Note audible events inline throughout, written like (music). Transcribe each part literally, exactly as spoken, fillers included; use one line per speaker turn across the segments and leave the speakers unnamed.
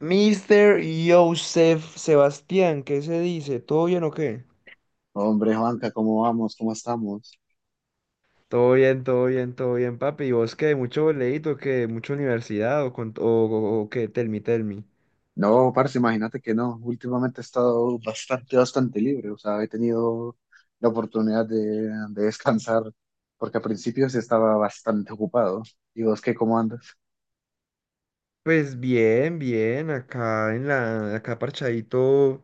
Mister Joseph Sebastián, ¿qué se dice? ¿Todo bien o qué?
Hombre, Juanca, ¿cómo vamos? ¿Cómo estamos?
Todo bien, todo bien, todo bien, papi. ¿Y vos qué? ¿Mucho boleíto? ¿Qué? ¿Mucha universidad? ¿O, con, o, o- o qué? Tell me, tell me.
No, parce, imagínate que no. Últimamente he estado bastante, bastante libre. O sea, he tenido la oportunidad de, de descansar porque al principio sí estaba bastante ocupado. ¿Y vos qué, cómo andas?
Pues bien, bien. Acá en la, acá parchadito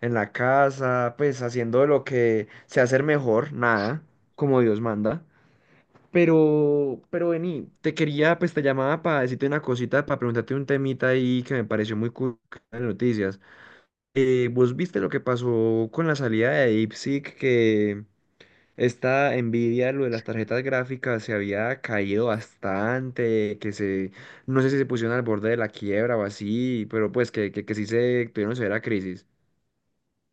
en la casa, pues haciendo lo que sé hacer mejor, nada, como Dios manda. Pero, pero vení, te quería, pues te llamaba para decirte una cosita, para preguntarte un temita ahí que me pareció muy cool en las noticias. Eh, ¿vos viste lo que pasó con la salida de DeepSeek? Que esta Nvidia, lo de las tarjetas gráficas, se había caído bastante, que se, no sé si se pusieron al borde de la quiebra o así, pero pues que, que, que sí se tuvieron severa crisis.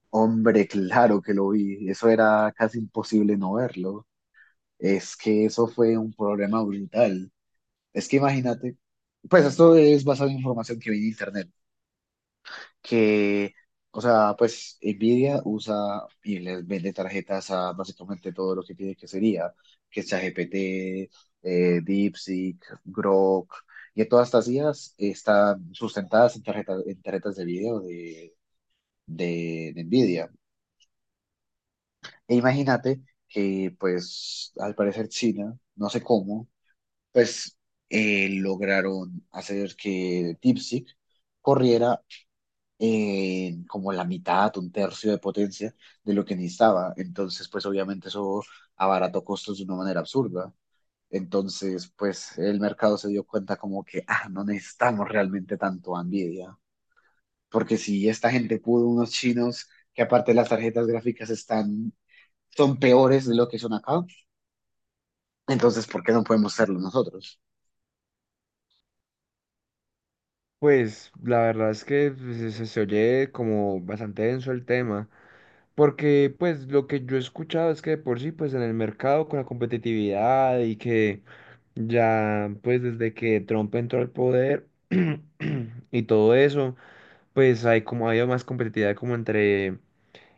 Hombre, claro que lo vi. Eso era casi imposible no verlo. Es que eso fue un problema brutal. Es que imagínate, pues esto es basado en información que vi en internet. que, o sea, pues Nvidia usa y les vende tarjetas a básicamente todo lo que tiene que sería, que ChatGPT, eh, DeepSeek, Grok, y todas estas I As están sustentadas en tarjetas, en tarjetas de video de, de, de Nvidia. E imagínate que, pues, al parecer China, no sé cómo, pues eh, lograron hacer que DeepSeek corriera en como la mitad, un tercio de potencia de lo que necesitaba. Entonces, pues obviamente eso abarató costos de una manera absurda. Entonces, pues el mercado se dio cuenta como que, ah, no necesitamos realmente tanto a Nvidia, porque si esta gente pudo, unos chinos, que aparte las tarjetas gráficas están, son peores de lo que son acá, entonces, ¿por qué no podemos serlo nosotros?
Pues la verdad es que pues, se, se se oye como bastante denso el tema, porque pues lo que yo he escuchado es que de por sí pues en el mercado con la competitividad y que ya pues desde que Trump entró al poder (clears throat) y todo eso, pues hay como ha habido más competitividad como entre,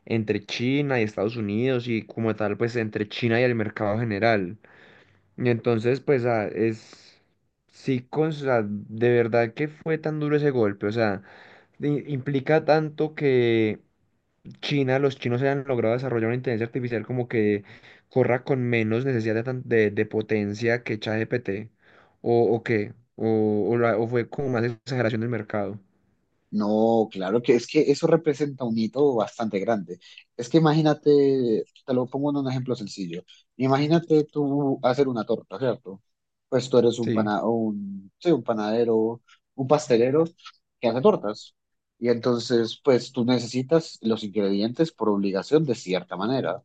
entre China y Estados Unidos y como tal pues entre China y el mercado general. Y entonces pues ah, es... Sí, con, o sea, de verdad que fue tan duro ese golpe, o sea i- implica tanto que China, los chinos hayan logrado desarrollar una inteligencia artificial como que corra con menos necesidad de, tan- de- de potencia que ChatGPT, o, o qué, o, o la- o fue como más exageración del mercado.
No, claro que es que eso representa un hito bastante grande. Es que imagínate, te lo pongo en un ejemplo sencillo. Imagínate tú hacer una torta, ¿cierto? Pues tú eres un
Sí,
pana, un, sí, un panadero, un pastelero que hace tortas. Y entonces, pues tú necesitas los ingredientes por obligación de cierta manera.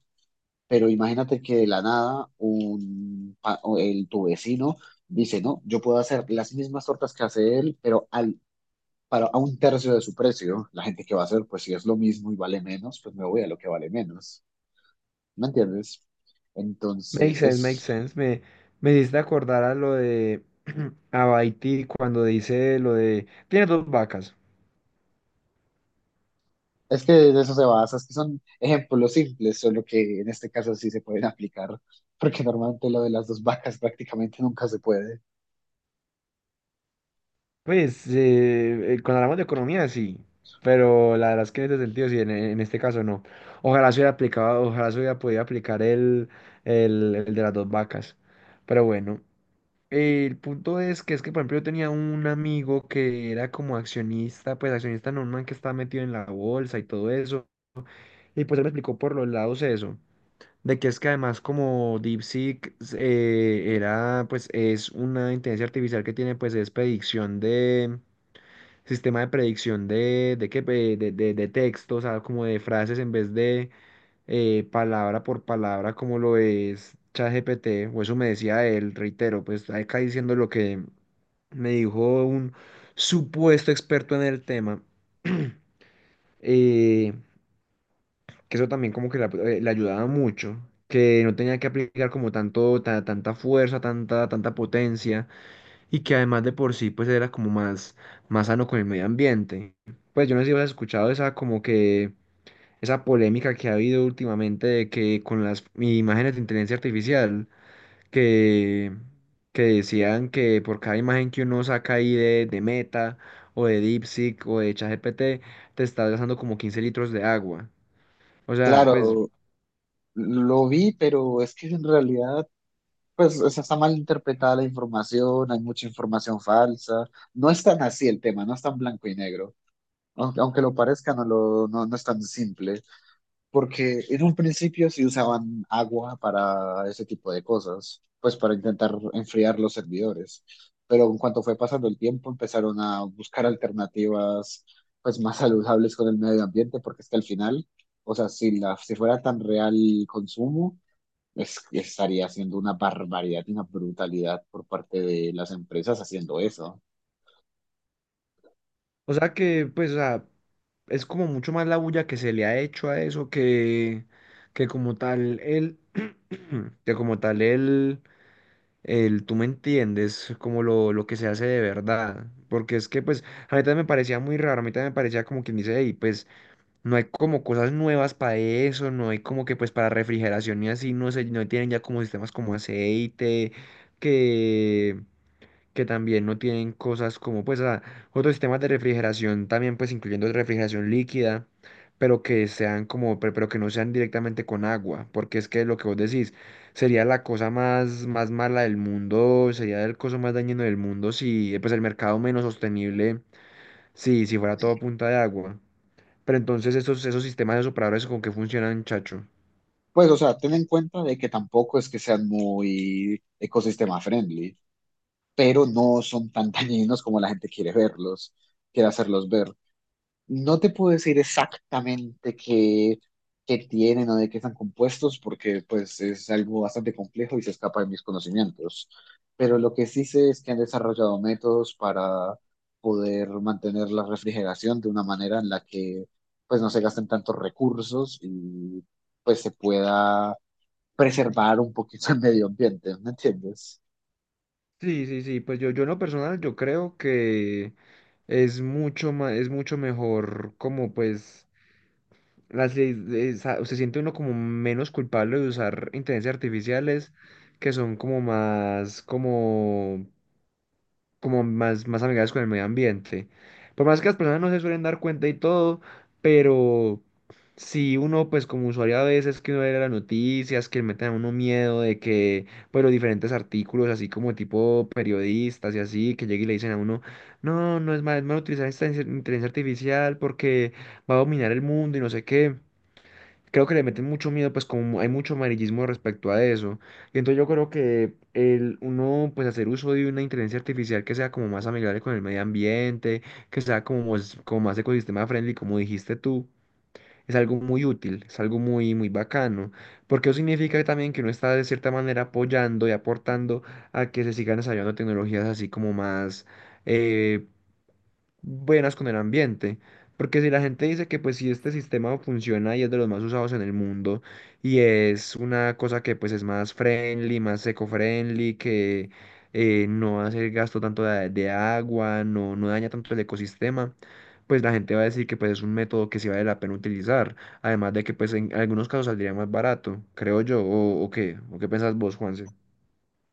Pero imagínate que de la nada un, pa- o el, tu vecino dice, no, yo puedo hacer las mismas tortas que hace él, pero al para a un tercio de su precio. La gente que va a hacer, pues si es lo mismo y vale menos, pues me voy a lo que vale menos. ¿Me entiendes?
makes
Entonces,
sense, makes
es,
sense. Me, me hiciste acordar a lo de (clears throat) Abaiti cuando dice lo de, tiene dos vacas.
es que de eso se basa, es que son ejemplos simples, solo que en este caso sí se pueden aplicar, porque normalmente lo de las dos vacas prácticamente nunca se puede.
Pues eh, eh, cuando hablamos de economía sí, pero la verdad es que en este sentido sí, en, en este caso no. Ojalá se hubiera aplicado, ojalá se hubiera podido aplicar el, el, el de las dos vacas. Pero bueno, eh, el punto es que es que, por ejemplo, yo tenía un amigo que era como accionista, pues accionista normal que estaba metido en la bolsa y todo eso. Y pues él me explicó por los lados eso, de que es que además como DeepSeek eh, era, pues es una inteligencia artificial que tiene pues es predicción de sistema de predicción de, de, qué, pe- de, de, de texto, o sea, como de frases en vez de eh, palabra por palabra, como lo es ChatGPT, o eso me decía él, reitero, pues acá diciendo lo que me dijo un supuesto experto en el tema, (clears throat) eh, que eso también como que la- eh, le ayudaba mucho, que no tenía que aplicar como tanto, ta- tanta fuerza, tanta, tanta potencia y que además de por sí, pues era como más, más sano con el medio ambiente. Pues yo no sé si has escuchado esa como que, esa polémica que ha habido últimamente de que con las imágenes de inteligencia artificial, que, que decían que por cada imagen que uno saca ahí de, de Meta, o de DeepSeek, o de ChatGPT, te estás gastando como quince litros de agua. O sea, pues
Claro, lo vi, pero es que en realidad, pues o sea, está mal interpretada la información, hay mucha información falsa, no es tan así el tema, no es tan blanco y negro, aunque, aunque lo parezca, no, lo, no, no es tan simple. Porque en un principio sí usaban agua para ese tipo de cosas, pues para intentar enfriar los servidores, pero en cuanto fue pasando el tiempo empezaron a buscar alternativas pues más saludables con el medio ambiente, porque es que al final, o sea, si, la, si fuera tan real el consumo, es, estaría haciendo una barbaridad y una brutalidad por parte de las empresas haciendo eso.
o sea que, pues, o sea, es como mucho más la bulla que se le ha hecho a eso que, que como tal el, (clears throat) que como tal el, el, tú me entiendes, como lo, lo que se hace de verdad. Porque es que, pues, a mí también me parecía muy raro, a mí también me parecía como quien dice, y pues, no hay como cosas nuevas para eso, no hay como que, pues, para refrigeración y así, no sé, no tienen ya como sistemas como aceite, que que también no tienen cosas como pues a- otros sistemas de refrigeración también pues incluyendo refrigeración líquida, pero que sean como pe- pero que no sean directamente con agua, porque es que lo que vos decís sería la cosa más más mala del mundo, sería el coso más dañino del mundo si eh, pues el mercado menos sostenible si si fuera todo a punta de agua. Pero entonces esos esos sistemas de operadores con qué funcionan, chacho.
Pues, o sea, ten en cuenta de que tampoco es que sean muy ecosistema friendly, pero no son tan dañinos como la gente quiere verlos, quiere hacerlos ver. No te puedo decir exactamente qué, qué tienen o de qué están compuestos, porque pues es algo bastante complejo y se escapa de mis conocimientos. Pero lo que sí sé es que han desarrollado métodos para poder mantener la refrigeración de una manera en la que pues no se gasten tantos recursos y pues se pueda preservar un poquito el medio ambiente, ¿me entiendes?
Sí, sí, sí, pues yo, yo en lo personal yo creo que es mucho más, es mucho mejor como pues las, leyes de esa- se siente uno como menos culpable de usar inteligencias artificiales que son como más, como, como más, más amigables con el medio ambiente. Por más que las personas no se suelen dar cuenta y todo, pero si uno, pues como usuario a veces que uno ve las noticias, que le meten a uno miedo de que, pues los diferentes artículos, así como tipo periodistas y así, que llegue y le dicen a uno, no, no es mal, es mal utilizar esta inteligencia artificial porque va a dominar el mundo y no sé qué, creo que le meten mucho miedo, pues como hay mucho amarillismo respecto a eso. Y entonces yo creo que el uno, pues hacer uso de una inteligencia artificial que sea como más amigable con el medio ambiente, que sea como, más- como más ecosistema friendly, como dijiste tú. Es algo muy útil, es algo muy, muy bacano, porque eso significa también que uno está de cierta manera apoyando y aportando a que se sigan desarrollando tecnologías así como más, eh, buenas con el ambiente. Porque si la gente dice que pues si este sistema funciona y es de los más usados en el mundo y es una cosa que pues es más friendly, más eco-friendly, que eh, no hace gasto tanto de, de agua, no, no daña tanto el ecosistema, pues la gente va a decir que pues es un método que sí vale la pena utilizar. Además de que pues en algunos casos saldría más barato, creo yo, o, o qué, o qué pensás vos, Juan.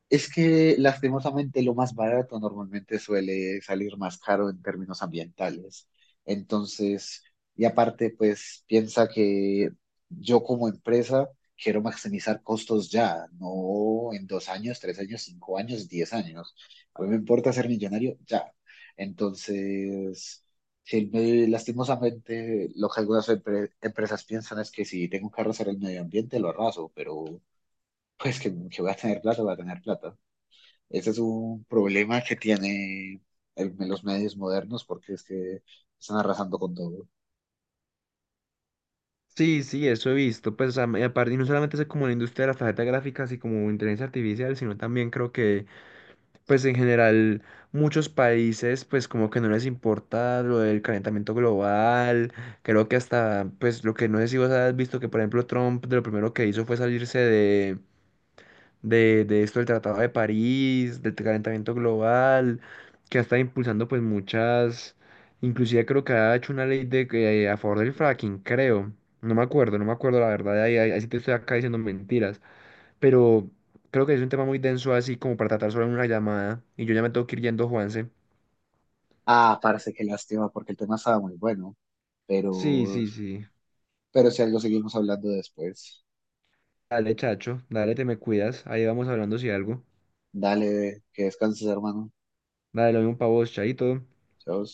Es que lastimosamente lo más barato normalmente suele salir más caro en términos ambientales. Entonces, y aparte, pues piensa que yo como empresa quiero maximizar costos ya, no en dos años, tres años, cinco años, diez años. A mí me importa ser millonario ya. Entonces, si me- lastimosamente lo que algunas empre- empresas piensan es que si tengo que arrasar el medio ambiente, lo arraso, pero pues que, que voy a tener plata, voy a tener plata. Ese es un problema que tiene el- los medios modernos porque es que están arrasando con todo.
Sí, sí, eso he visto. Pues, a- y aparte, y no solamente es como la industria de las tarjetas gráficas y como inteligencia artificial, sino también creo que, pues, en general, muchos países, pues, como que no les importa lo del calentamiento global. Creo que hasta, pues, lo que no sé si vos has visto que, por ejemplo, Trump, de lo primero que hizo fue salirse de de, de esto del Tratado de París, del calentamiento global, que ha estado impulsando pues muchas, inclusive creo que ha hecho una ley de que eh, a favor del fracking, creo. No me acuerdo, no me acuerdo la verdad, ahí, ahí, ahí sí te estoy acá diciendo mentiras, pero creo que es un tema muy denso así como para tratar solo en una llamada y yo ya me tengo que ir yendo, Juanse.
Ah, parece que lástima porque el tema estaba muy bueno,
Sí,
pero,
sí, sí.
pero si algo seguimos hablando después.
Dale, chacho, dale, te me cuidas, ahí vamos hablando si algo.
Dale, que descanses, hermano.
Dale, lo mismo pa' vos, chaito.
Chao.